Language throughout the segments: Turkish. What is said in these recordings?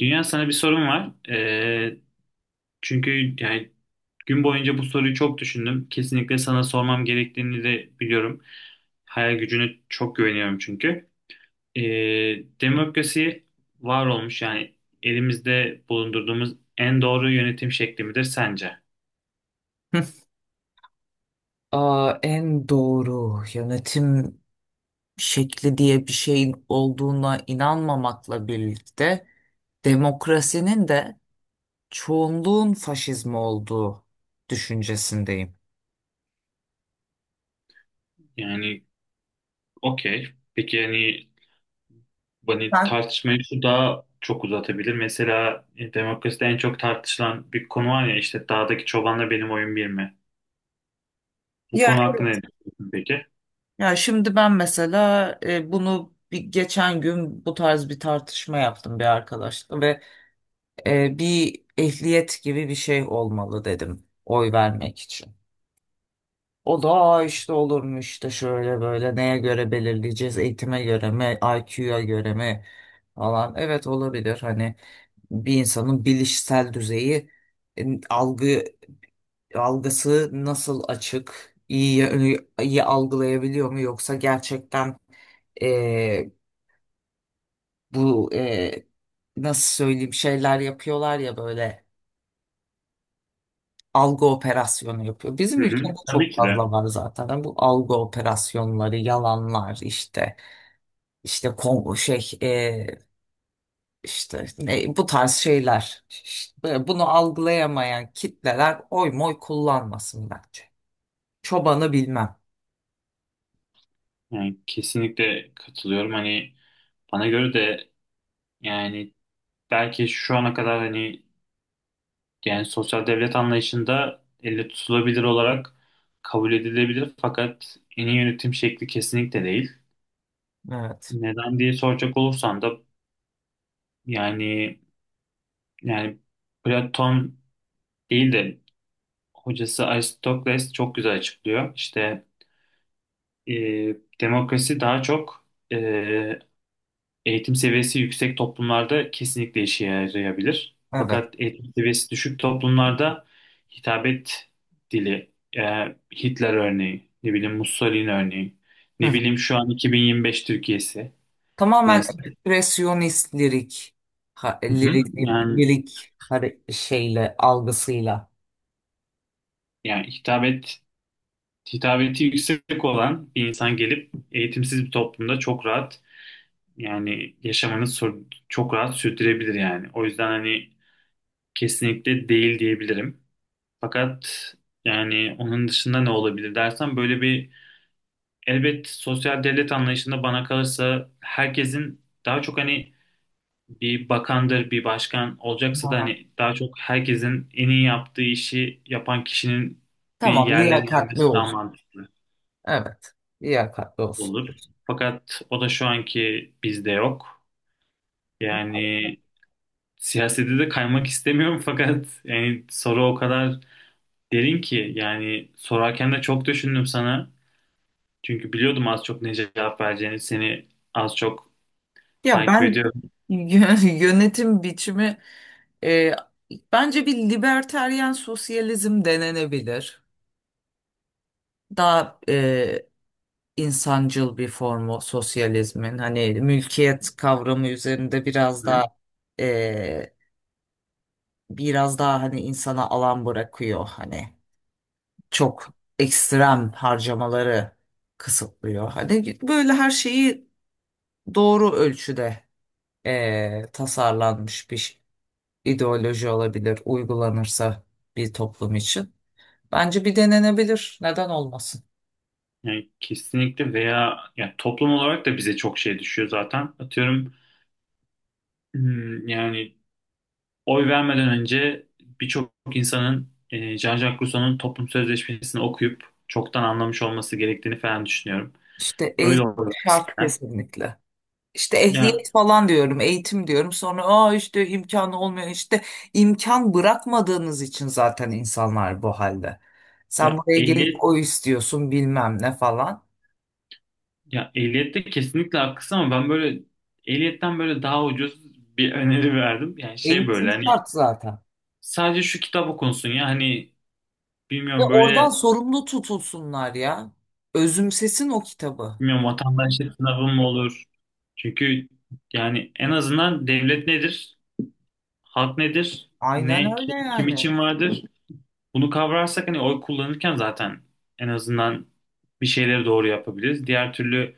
Dünya, sana bir sorum var. Çünkü yani gün boyunca bu soruyu çok düşündüm. Kesinlikle sana sormam gerektiğini de biliyorum. Hayal gücüne çok güveniyorum çünkü. Ee, Demokrasi var olmuş, yani elimizde bulundurduğumuz en doğru yönetim şekli midir sence? Hı. En doğru yönetim şekli diye bir şeyin olduğuna inanmamakla birlikte demokrasinin de çoğunluğun faşizmi olduğu düşüncesindeyim. Yani, okey. Peki, yani, hani Ben, tartışmayı şu daha çok uzatabilir. Mesela demokraside en çok tartışılan bir konu var ya, işte dağdaki çobanla benim oyun bir mi? Bu Ya konu hakkında evet. ne düşünüyorsun peki? Ya şimdi ben mesela bunu bir geçen gün bu tarz bir tartışma yaptım bir arkadaşla ve bir ehliyet gibi bir şey olmalı dedim oy vermek için. O da, "Aa işte olurmuş işte şöyle böyle neye göre belirleyeceğiz, eğitime göre mi, IQ'ya göre mi falan. Evet, olabilir. Hani bir insanın bilişsel düzeyi, algı algısı nasıl, açık, iyi algılayabiliyor mu, yoksa gerçekten e, bu nasıl söyleyeyim, şeyler yapıyorlar ya, böyle algı operasyonu yapıyor. Bizim Hı ülkede hı. Tabii çok ki de. fazla var zaten. Yani bu algı operasyonları, yalanlar, işte İşte Kongo şey işte ne, bu tarz şeyler. İşte bunu algılayamayan kitleler oy moy kullanmasın bence. Çobanı bilmem. Yani kesinlikle katılıyorum. Hani bana göre de, yani belki şu ana kadar, hani yani sosyal devlet anlayışında elle tutulabilir olarak kabul edilebilir, fakat en iyi yönetim şekli kesinlikle değil. Evet. Neden diye soracak olursan da, yani yani Platon değil de hocası Aristoteles çok güzel açıklıyor. İşte e, demokrasi daha çok eğitim seviyesi yüksek toplumlarda kesinlikle işe yarayabilir. Evet. Fakat eğitim seviyesi düşük toplumlarda hitabet dili, Hitler örneği, ne bileyim Mussolini örneği, ne bileyim şu an 2025 Türkiye'si. Tamamen Neyse. ekspresyonist lirik, Hı hı. lirik, Yani, şeyle, algısıyla. yani hitabeti yüksek olan bir insan gelip eğitimsiz bir toplumda çok rahat, yani çok rahat sürdürebilir yani. O yüzden hani kesinlikle değil diyebilirim. Fakat yani onun dışında ne olabilir dersen, böyle bir, elbet sosyal devlet anlayışında bana kalırsa herkesin daha çok, hani bir bakandır, bir başkan olacaksa da Aha. hani daha çok herkesin en iyi yaptığı işi yapan kişinin bir Tamam, yerlere liyakatli gelmesi daha olsun. mantıklı Evet, liyakatli olsun. olur. Fakat o da şu anki bizde yok. Yani siyasete de kaymak istemiyorum fakat yani soru o kadar derin ki, yani sorarken de çok düşündüm sana. Çünkü biliyordum az çok ne cevap vereceğini. Seni az çok Ya takip ben ediyorum. Yönetim biçimi, e, bence bir libertaryen sosyalizm denenebilir. Daha insancıl bir formu sosyalizmin. Hani mülkiyet kavramı üzerinde biraz Hı. daha e, biraz daha, hani insana alan bırakıyor, hani çok ekstrem harcamaları kısıtlıyor. Hani böyle her şeyi doğru ölçüde tasarlanmış bir ideoloji olabilir, uygulanırsa bir toplum için. Bence bir denenebilir. Neden olmasın? Yani kesinlikle, veya yani toplum olarak da bize çok şey düşüyor zaten. Atıyorum, yani oy vermeden önce birçok insanın Jean-Jacques Rousseau'nun Toplum Sözleşmesi'ni okuyup çoktan anlamış olması gerektiğini falan düşünüyorum. İşte Öyle eğitim oluyor şart aslında. kesinlikle. İşte Ya, ehliyet falan diyorum, eğitim diyorum. Sonra aa, işte imkanı olmuyor. İşte imkan bırakmadığınız için zaten insanlar bu halde. Sen ya buraya gelip ehliyet o istiyorsun bilmem ne falan. ya ehliyette kesinlikle haklısın ama ben böyle ehliyetten böyle daha ucuz bir öneri verdim. Yani şey, Eğitim böyle hani şart zaten. sadece şu kitap okunsun ya, hani Ve bilmiyorum, böyle oradan sorumlu tutulsunlar ya. Özümsesin o kitabı. bilmiyorum, vatandaşlık sınavı mı olur? Çünkü yani en azından devlet nedir? Halk nedir? Aynen Ne öyle kim, kim yani. için vardır? Bunu kavrarsak hani oy kullanırken zaten en azından bir şeyleri doğru yapabiliriz. Diğer türlü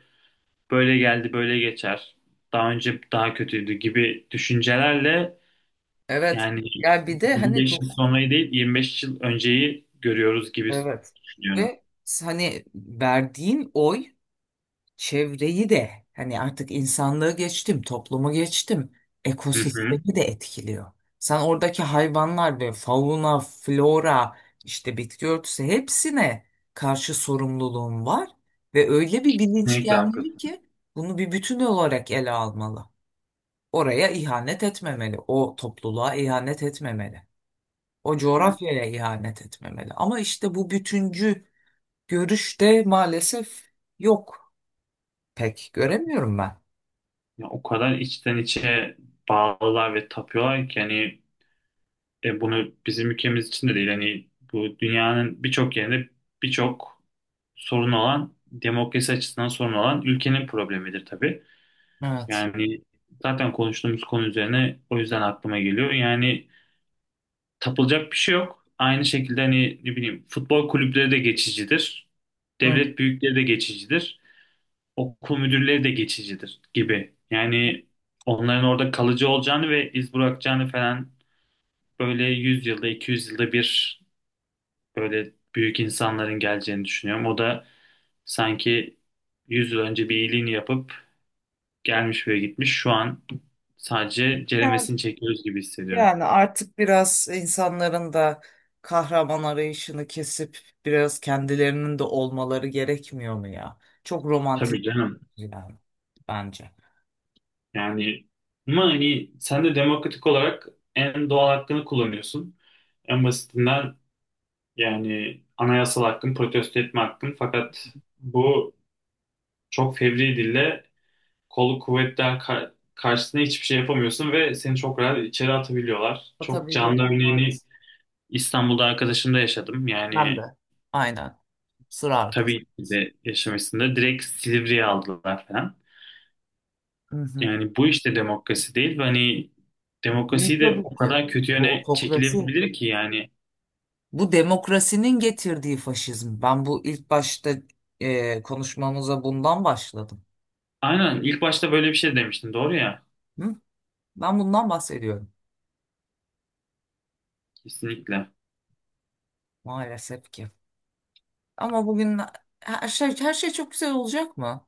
böyle geldi böyle geçer. Daha önce daha kötüydü gibi düşüncelerle, Evet. yani Ya bir de hani 25 yıl çok sonrayı değil 25 yıl önceyi görüyoruz gibi evet. düşünüyorum. Ve hani verdiğin oy çevreyi de, hani artık insanlığı geçtim, toplumu geçtim, Hı hı. ekosistemi de etkiliyor. Sen oradaki hayvanlar ve fauna, flora, işte bitki örtüsü, hepsine karşı sorumluluğun var ve öyle bir bilinç Kesinlikle gelmeli haklısın. ki bunu bir bütün olarak ele almalı. Oraya ihanet etmemeli, o topluluğa ihanet etmemeli, o Hı. coğrafyaya ihanet etmemeli. Ama işte bu bütüncü görüşte maalesef yok. Pek göremiyorum ben. Ya, o kadar içten içe bağlılar ve tapıyorlar ki, hani bunu bizim ülkemiz için de değil, hani bu dünyanın birçok yerinde birçok sorun olan, demokrasi açısından sorun olan ülkenin problemidir tabii. Evet. Yani zaten konuştuğumuz konu üzerine o yüzden aklıma geliyor. Yani tapılacak bir şey yok. Aynı şekilde hani ne bileyim, futbol kulüpleri de geçicidir. Hı. Devlet büyükleri de geçicidir. Okul müdürleri de geçicidir gibi. Yani onların orada kalıcı olacağını ve iz bırakacağını falan, böyle 100 yılda 200 yılda bir böyle büyük insanların geleceğini düşünüyorum. O da sanki 100 yıl önce bir iyiliğini yapıp gelmiş ve gitmiş. Şu an sadece ceremesini çekiyoruz gibi hissediyorum. Yani artık biraz insanların da kahraman arayışını kesip biraz kendilerinin de olmaları gerekmiyor mu ya? Çok romantik Tabii canım. yani bence. Yani ama hani sen de demokratik olarak en doğal hakkını kullanıyorsun. En basitinden, yani anayasal hakkın, protesto etme hakkın. Fakat bu çok fevri dille, kolu kuvvetler karşısında hiçbir şey yapamıyorsun ve seni çok rahat içeri atabiliyorlar. Çok canlı Atabiliyorlar örneğini maalesef. İstanbul'da arkadaşımda yaşadım. Ben Yani de. Aynen. Sıra arkın. tabii ki de yaşamasında direkt Silivri'ye aldılar falan. Hı hı. Yani bu işte demokrasi değil. Ve hani İyi, demokrasiyi de tabii o ki. kadar kötü Bu yöne otokrasi. çekilebilir ki yani. Bu demokrasinin getirdiği faşizm. Ben bu ilk başta konuşmamıza bundan başladım. Aynen, ilk başta böyle bir şey demiştin. Doğru ya. Hı? Ben bundan bahsediyorum. Kesinlikle. Maalesef ki. Ama bugün her şey, her şey çok güzel olacak mı?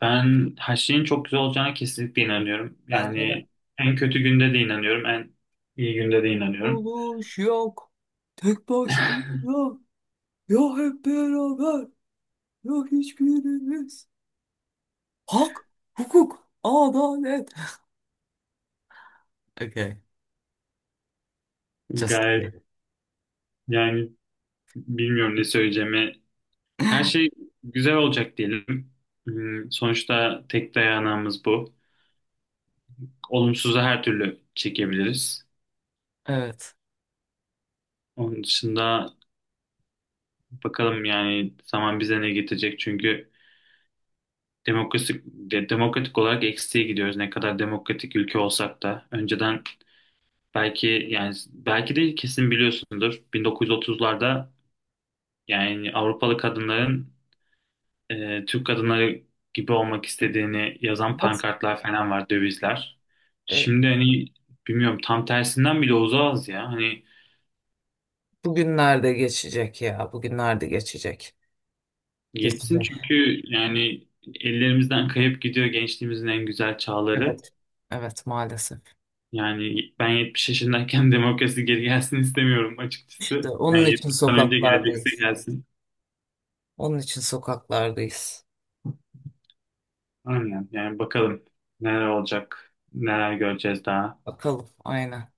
Ben her şeyin çok güzel olacağına kesinlikle inanıyorum. Bence de. Yani en kötü günde de inanıyorum, en iyi günde de inanıyorum. Mutluluş yok. Tek başına. Ya hep beraber. Ya hiçbirimiz. Hak, hukuk, adalet. Okay. Just kidding. Gayet, yani bilmiyorum ne söyleyeceğimi. Her şey güzel olacak diyelim. Sonuçta tek dayanağımız bu. Olumsuzu her türlü çekebiliriz. Evet. Onun dışında bakalım yani zaman bize ne getirecek, çünkü demokratik demokratik olarak eksiğe gidiyoruz. Ne kadar demokratik ülke olsak da önceden, belki, yani belki de kesin biliyorsundur. 1930'larda yani Avrupalı kadınların Türk kadınları gibi olmak istediğini yazan Evet. pankartlar falan var, dövizler. E, Şimdi hani bilmiyorum, tam tersinden bile uzağız ya. Hani Bugünlerde geçecek ya. Bugünlerde geçecek. yetsin, Geçecek. çünkü yani ellerimizden kayıp gidiyor gençliğimizin en güzel çağları. Evet. Evet maalesef. Yani ben 70 yaşındayken demokrasi geri gelsin istemiyorum İşte açıkçası. onun Yani için 70'den önce gelecekse sokaklardayız. gelsin. Onun için sokaklardayız. Aynen. Yani bakalım neler olacak, neler göreceğiz daha. Bakalım aynen.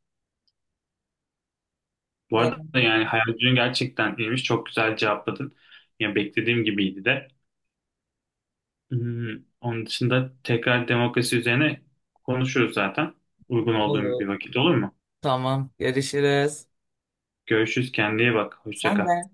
Bu arada yani hayal gücün gerçekten iyiymiş. Çok güzel cevapladın. Ya beklediğim gibiydi de. Hmm, Onun dışında tekrar demokrasi üzerine konuşuruz zaten. Uygun olduğum Olur. bir vakit olur mu? Tamam, görüşürüz. Görüşürüz. Kendine iyi bak. Hoşça Sen kal. de.